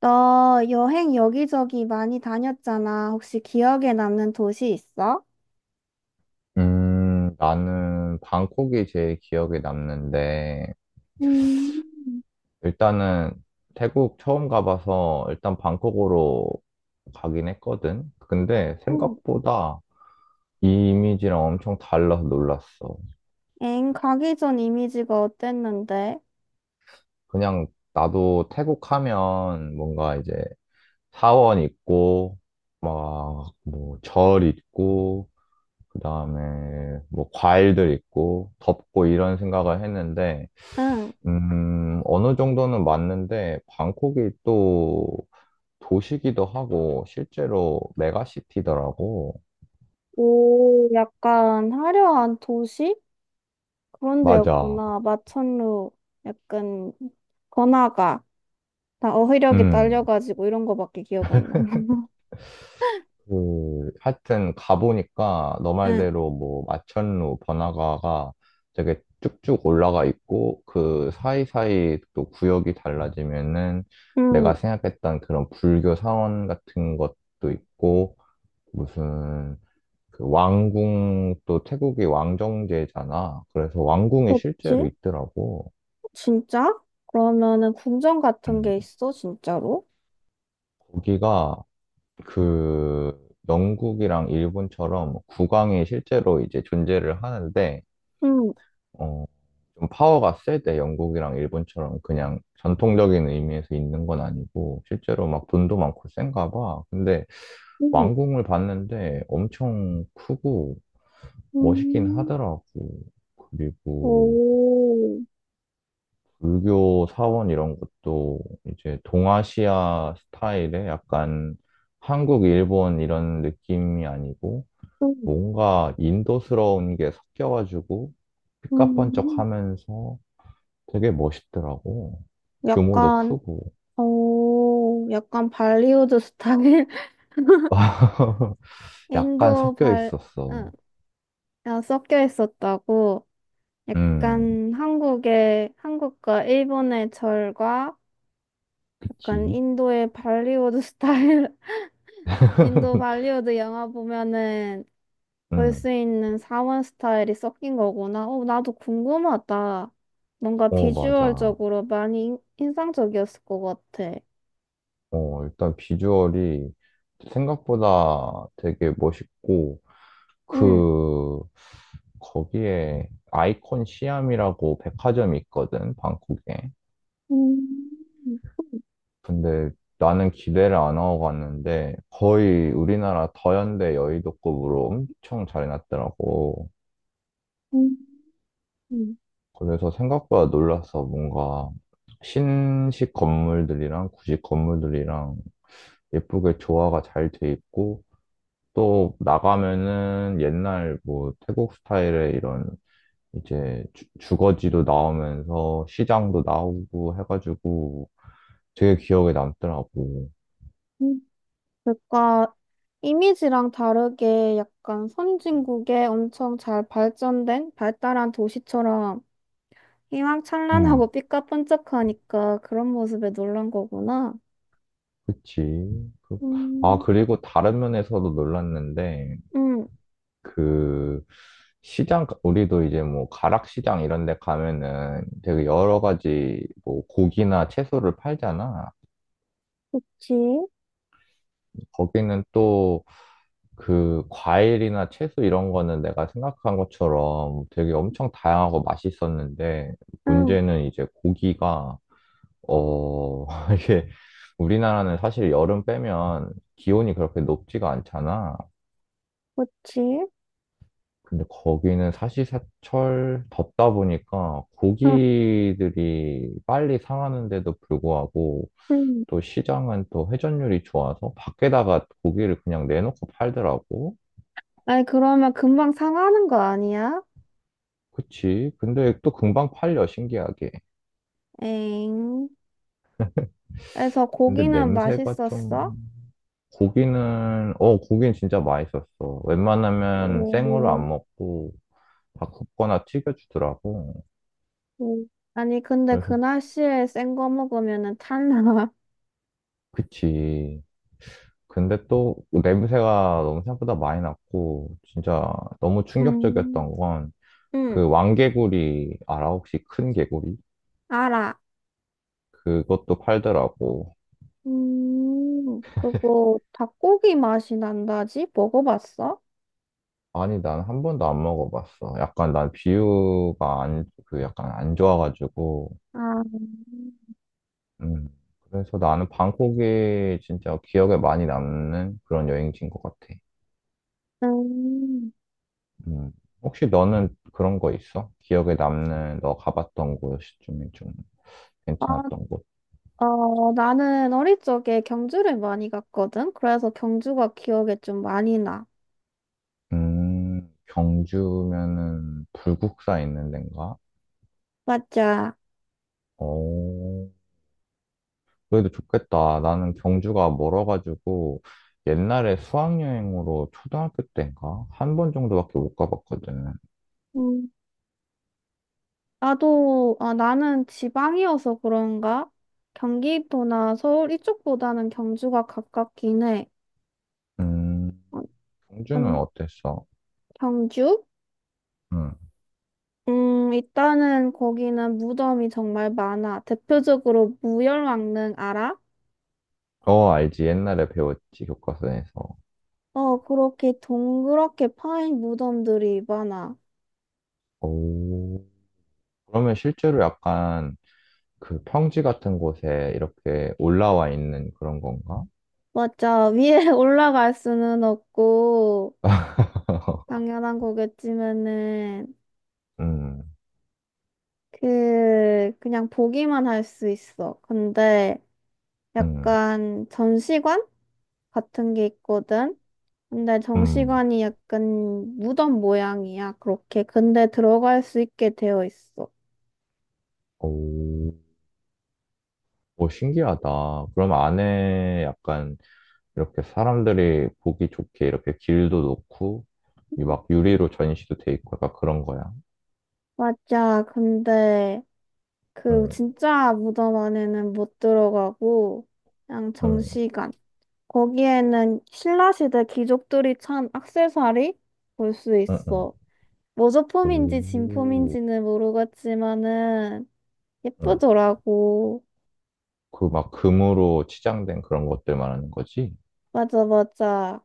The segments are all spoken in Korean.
너 여행 여기저기 많이 다녔잖아. 혹시 기억에 남는 도시 있어? 나는 방콕이 제일 기억에 남는데, 음, 일단은 태국 처음 가봐서 일단 방콕으로 가긴 했거든. 근데 응. 생각보다 이 이미지랑 엄청 달라서 놀랐어. 엥, 가기 전 이미지가 어땠는데? 그냥 나도 태국 하면 뭔가 이제 사원 있고, 막 뭐 절 있고, 그 다음에 뭐 과일들 있고, 덥고 이런 생각을 했는데, 응. 어느 정도는 맞는데, 방콕이 또 도시기도 하고, 실제로 메가시티더라고. 오, 약간 화려한 도시? 그런 맞아. 데였구나. 마천루, 약간 번화가. 나 어휘력이 음, 딸려가지고 이런 거밖에 기억 안 나. 그, 하여튼 가보니까 너 응. 말대로 뭐, 마천루, 번화가가 되게 쭉쭉 올라가 있고, 그 사이사이 또 구역이 달라지면은, 응. 내가 생각했던 그런 불교 사원 같은 것도 있고, 무슨, 그 왕궁 또 태국이 왕정제잖아. 그래서 왕궁이 실제로 그렇지? 있더라고. 진짜? 그러면은 궁전 같은 음, 게 있어? 진짜로? 거기가 그 영국이랑 일본처럼 국왕이 실제로 이제 존재를 하는데 응. 어, 좀 파워가 세대 영국이랑 일본처럼 그냥 전통적인 의미에서 있는 건 아니고 실제로 막 돈도 많고 센가 봐. 근데 응. 왕궁을 봤는데 엄청 크고 멋있긴 응. 하더라고. 그리고 오, 불교 사원 이런 것도 이제 동아시아 스타일의 약간 한국, 일본 이런 느낌이 아니고 좀, 뭔가 인도스러운 게 섞여가지고 삐까뻔쩍 음, 하면서 되게 멋있더라고. 규모도 약간, 크고. 오, 약간 발리우드 스타일? 약간 인도 섞여 발, 있었어. 응, 아, 섞여 있었다고. 음, 약간 한국의, 한국과 일본의 절과 약간 그치? 인도의 발리우드 스타일, 인도 발리우드 영화 보면은 볼 음, 수 있는 사원 스타일이 섞인 거구나. 오, 나도 궁금하다. 뭔가 어, 맞아. 비주얼적으로 많이 인상적이었을 것 같아. 어, 일단 비주얼이 생각보다 되게 멋있고, 응. 그 거기에 아이콘 시암이라고 백화점이 있거든, 방콕에. 음, 근데 나는 기대를 안 하고 갔는데 거의 우리나라 더현대 여의도급으로 엄청 잘 해놨더라고. 음, 음, 그래서 생각보다 놀라서 뭔가 신식 건물들이랑 구식 건물들이랑 예쁘게 조화가 잘 돼 있고 또 나가면은 옛날 뭐 태국 스타일의 이런 이제 주거지도 나오면서 시장도 나오고 해가지고 되게 기억에 남더라고. 음. 그러니까 이미지랑 다르게 약간 선진국의 엄청 잘 발전된 발달한 도시처럼 음, 희망찬란하고 삐까뻔쩍하니까 그런 모습에 놀란 거구나. 그치. 그- 아, 음, 그리고 다른 면에서도 놀랐는데, 응. 그, 시장, 우리도 이제 뭐 가락시장 이런 데 가면은 되게 여러 가지 뭐 고기나 채소를 팔잖아. 그치, 거기는 또 그 과일이나 채소 이런 거는 내가 생각한 것처럼 되게 엄청 다양하고 맛있었는데 응, 문제는 이제 고기가 어 이게 우리나라는 사실 여름 빼면 기온이 그렇게 높지가 않잖아. 그치, 근데 거기는 사시사철 덥다 보니까 응, 고기들이 빨리 상하는데도 불구하고 응. 또 시장은 또 회전율이 좋아서 밖에다가 고기를 그냥 내놓고 팔더라고. 아니, 그러면 금방 상하는 거 아니야? 그치. 근데 또 금방 팔려, 신기하게. 엥. 그래서 근데 고기는 냄새가 좀, 맛있었어? 고기는, 어, 고기는 진짜 맛있었어. 웬만하면 생으로 오. 안 먹고, 다 굽거나 튀겨주더라고. 음. 아니, 근데 그 그래서, 날씨에 센 거 먹으면은 탈나. 그치. 근데 또 냄새가 너무 생각보다 많이 났고, 진짜 너무 음, 충격적이었던 건, 응, 그 왕개구리, 알아? 혹시 큰 개구리? 알아. 그것도 팔더라고. 그거 닭고기 맛이 난다지? 먹어봤어? 아니, 난 한 번도 안 먹어봤어. 약간 난 비유가 안, 그 약간 안 좋아가지고. 아, 음. 그래서 나는 방콕이 진짜 기억에 많이 남는 그런 여행지인 것 같아. 음, 음. 혹시 너는 그런 거 있어? 기억에 남는 너 가봤던 곳 중에 좀 아, 괜찮았던 곳? 어, 나는 어릴 적에 경주를 많이 갔거든? 그래서 경주가 기억에 좀 많이 나. 경주면은 불국사 있는 데인가? 맞아. 어, 그래도 좋겠다. 나는 경주가 멀어가지고 옛날에 수학여행으로 초등학교 때인가? 한 번 정도밖에 못 가봤거든. 음, 나도, 아, 나는 지방이어서 그런가? 경기도나 서울 이쪽보다는 경주가 가깝긴 해. 음, 경주는 음, 어땠어? 경주? 응. 일단은 거기는 무덤이 정말 많아. 대표적으로 무열왕릉 알아? 어, 알지. 옛날에 배웠지, 교과서에서. 어, 그렇게 동그랗게 파인 무덤들이 많아. 오. 그러면 실제로 약간 그 평지 같은 곳에 이렇게 올라와 있는 그런 건가? 맞아. 위에 올라갈 수는 없고, 당연한 거겠지만은, 음, 그, 그냥 보기만 할 수 있어. 근데 음, 약간 전시관 같은 게 있거든? 근데 음. 정시관이 약간 무덤 모양이야, 그렇게. 근데 들어갈 수 있게 되어 있어. 오, 오, 신기하다. 그럼 안에 약간 이렇게 사람들이 보기 좋게 이렇게 길도 놓고 이 막 유리로 전시도 돼 있고 약간 그런 거야. 맞아, 근데 그 응, 진짜 무덤 안에는 못 들어가고, 그냥 응, 정시관. 거기에는 신라시대 귀족들이 찬 액세서리 볼 수 응, 응. 있어. 모조품인지 오, 진품인지는 모르겠지만은 응. 예쁘더라고. 그 막 금으로 치장된 그런 것들 말하는 거지? 맞아, 맞아.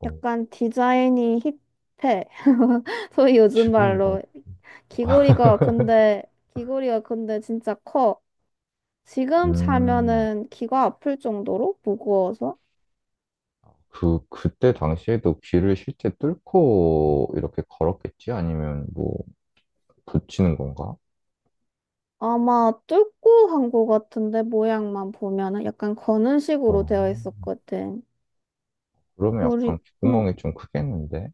어, 약간 디자인이 힙해. 소위 요즘 지금 봐. 말로. 귀걸이가 근데 귀걸이가 근데 진짜 커. 지금 음, 차면은 귀가 아플 정도로 무거워서 그때 당시에도 귀를 실제 뚫고 이렇게 걸었겠지? 아니면 뭐, 붙이는 건가? 아마 뚫고 한 거 같은데 모양만 보면은 약간 거는 식으로 어, 되어 있었거든. 그러면 우리 약간 응, 귓구멍이 좀 크겠는데?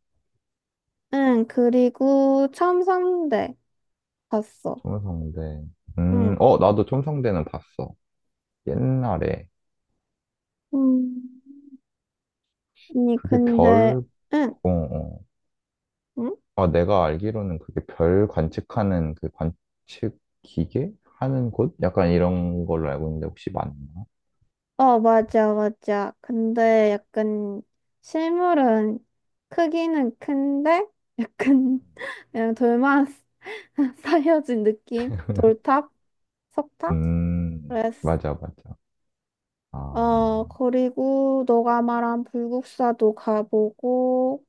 응 그리고 첨상대 봤어. 첨성대. 응, 어, 나도 첨성대는 봤어. 옛날에 응. 아니 그게 근데 별, 응, 어, 어. 응? 아, 내가 알기로는 그게 별 관측하는 그 관측 기계 하는 곳? 약간 이런 걸로 알고 있는데 혹시 맞나? 어, 맞아, 맞아. 근데 약간 실물은 크기는 큰데 약간 그냥 돌만 쌓여진 느낌? 돌탑? 석탑? 그랬어. 맞아, 맞아. 아, 어, 그리고 너가 말한 불국사도 가보고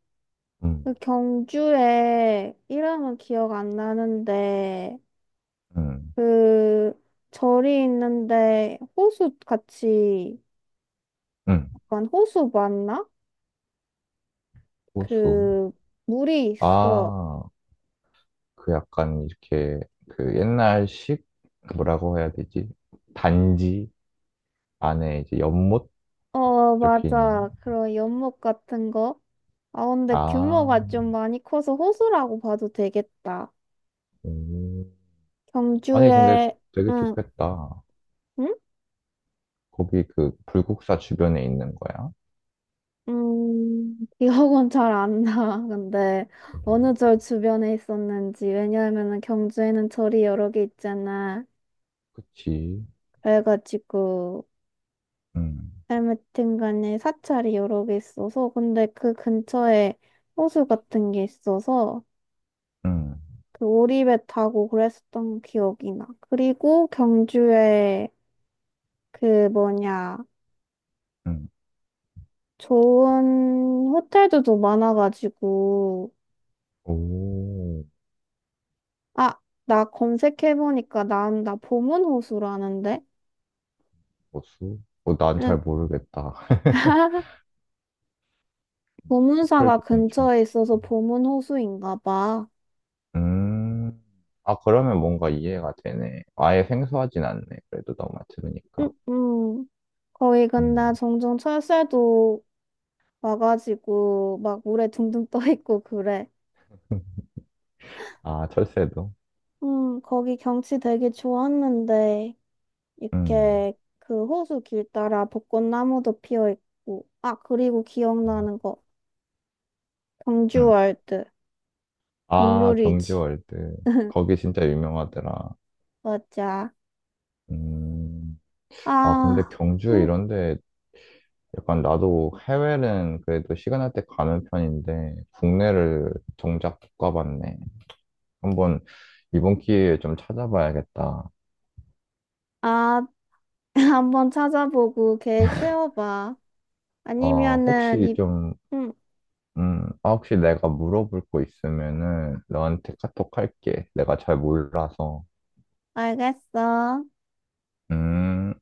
음, 그 경주에 이름은 기억 안 나는데 음, 그 절이 있는데 호수 같이 음, 약간 호수 맞나? 호수. 그 물이 있어. 아, 그 약간 이렇게 그 옛날식 그 뭐라고 해야 되지? 단지 안에 이제 연못 어, 이렇게 있는. 맞아. 그런 연못 같은 거. 아, 근데 아, 규모가 좀 많이 커서 호수라고 봐도 되겠다. 음. 아니, 근데 경주에, 되게 응, 좋겠다. 응? 거기 그 불국사 주변에 있는 거야? 기억은 잘 안 나. 근데 음, 어느 절 주변에 있었는지. 왜냐하면은 경주에는 절이 여러 개 있잖아. 그치. 그래가지고, 응, 아무튼 간에 사찰이 여러 개 있어서. 근데 그 근처에 호수 같은 게 있어서. 응, 그 오리배 타고 그랬었던 기억이 나. 그리고 경주에 그 뭐냐, 응. 좋은 호텔도 좀 많아가지고. 오, 아, 나 검색해보니까 나 보문호수라는데? 호수? 어, 난 잘 응. 모르겠다. 보문사가 호텔도 괜찮고. 근처에 있어서 보문호수인가 봐. 음. 아, 그러면 뭔가 이해가 되네. 아예 생소하진 않네. 그래도 너만 응, 들으니까. 응. 거기 근데 음. 종종 철새도 와가지고 막 물에 둥둥 떠 있고 그래. 아, 철새도? 응, 거기 경치 되게 좋았는데. 음. 이렇게 그 호수 길 따라 벚꽃나무도 피어 있고, 아, 그리고 음. 기억나는 거, 음. 경주월드, 아, 국룰이지. 경주월드. 거기 진짜 유명하더라. 맞아. 음. 아, 근데 아, 경주 음, 이런데 약간 나도 해외는 그래도 시간 날 때 가는 편인데 국내를 정작 못 가봤네. 한번 이번 기회에 좀 찾아봐야겠다. 아, 한번 찾아보고 계획 세워봐. 어, 아니면은, 이, 음, 아, 혹시 내가 물어볼 거 있으면은 너한테 카톡 할게. 내가 잘 몰라서. 알겠어. 음.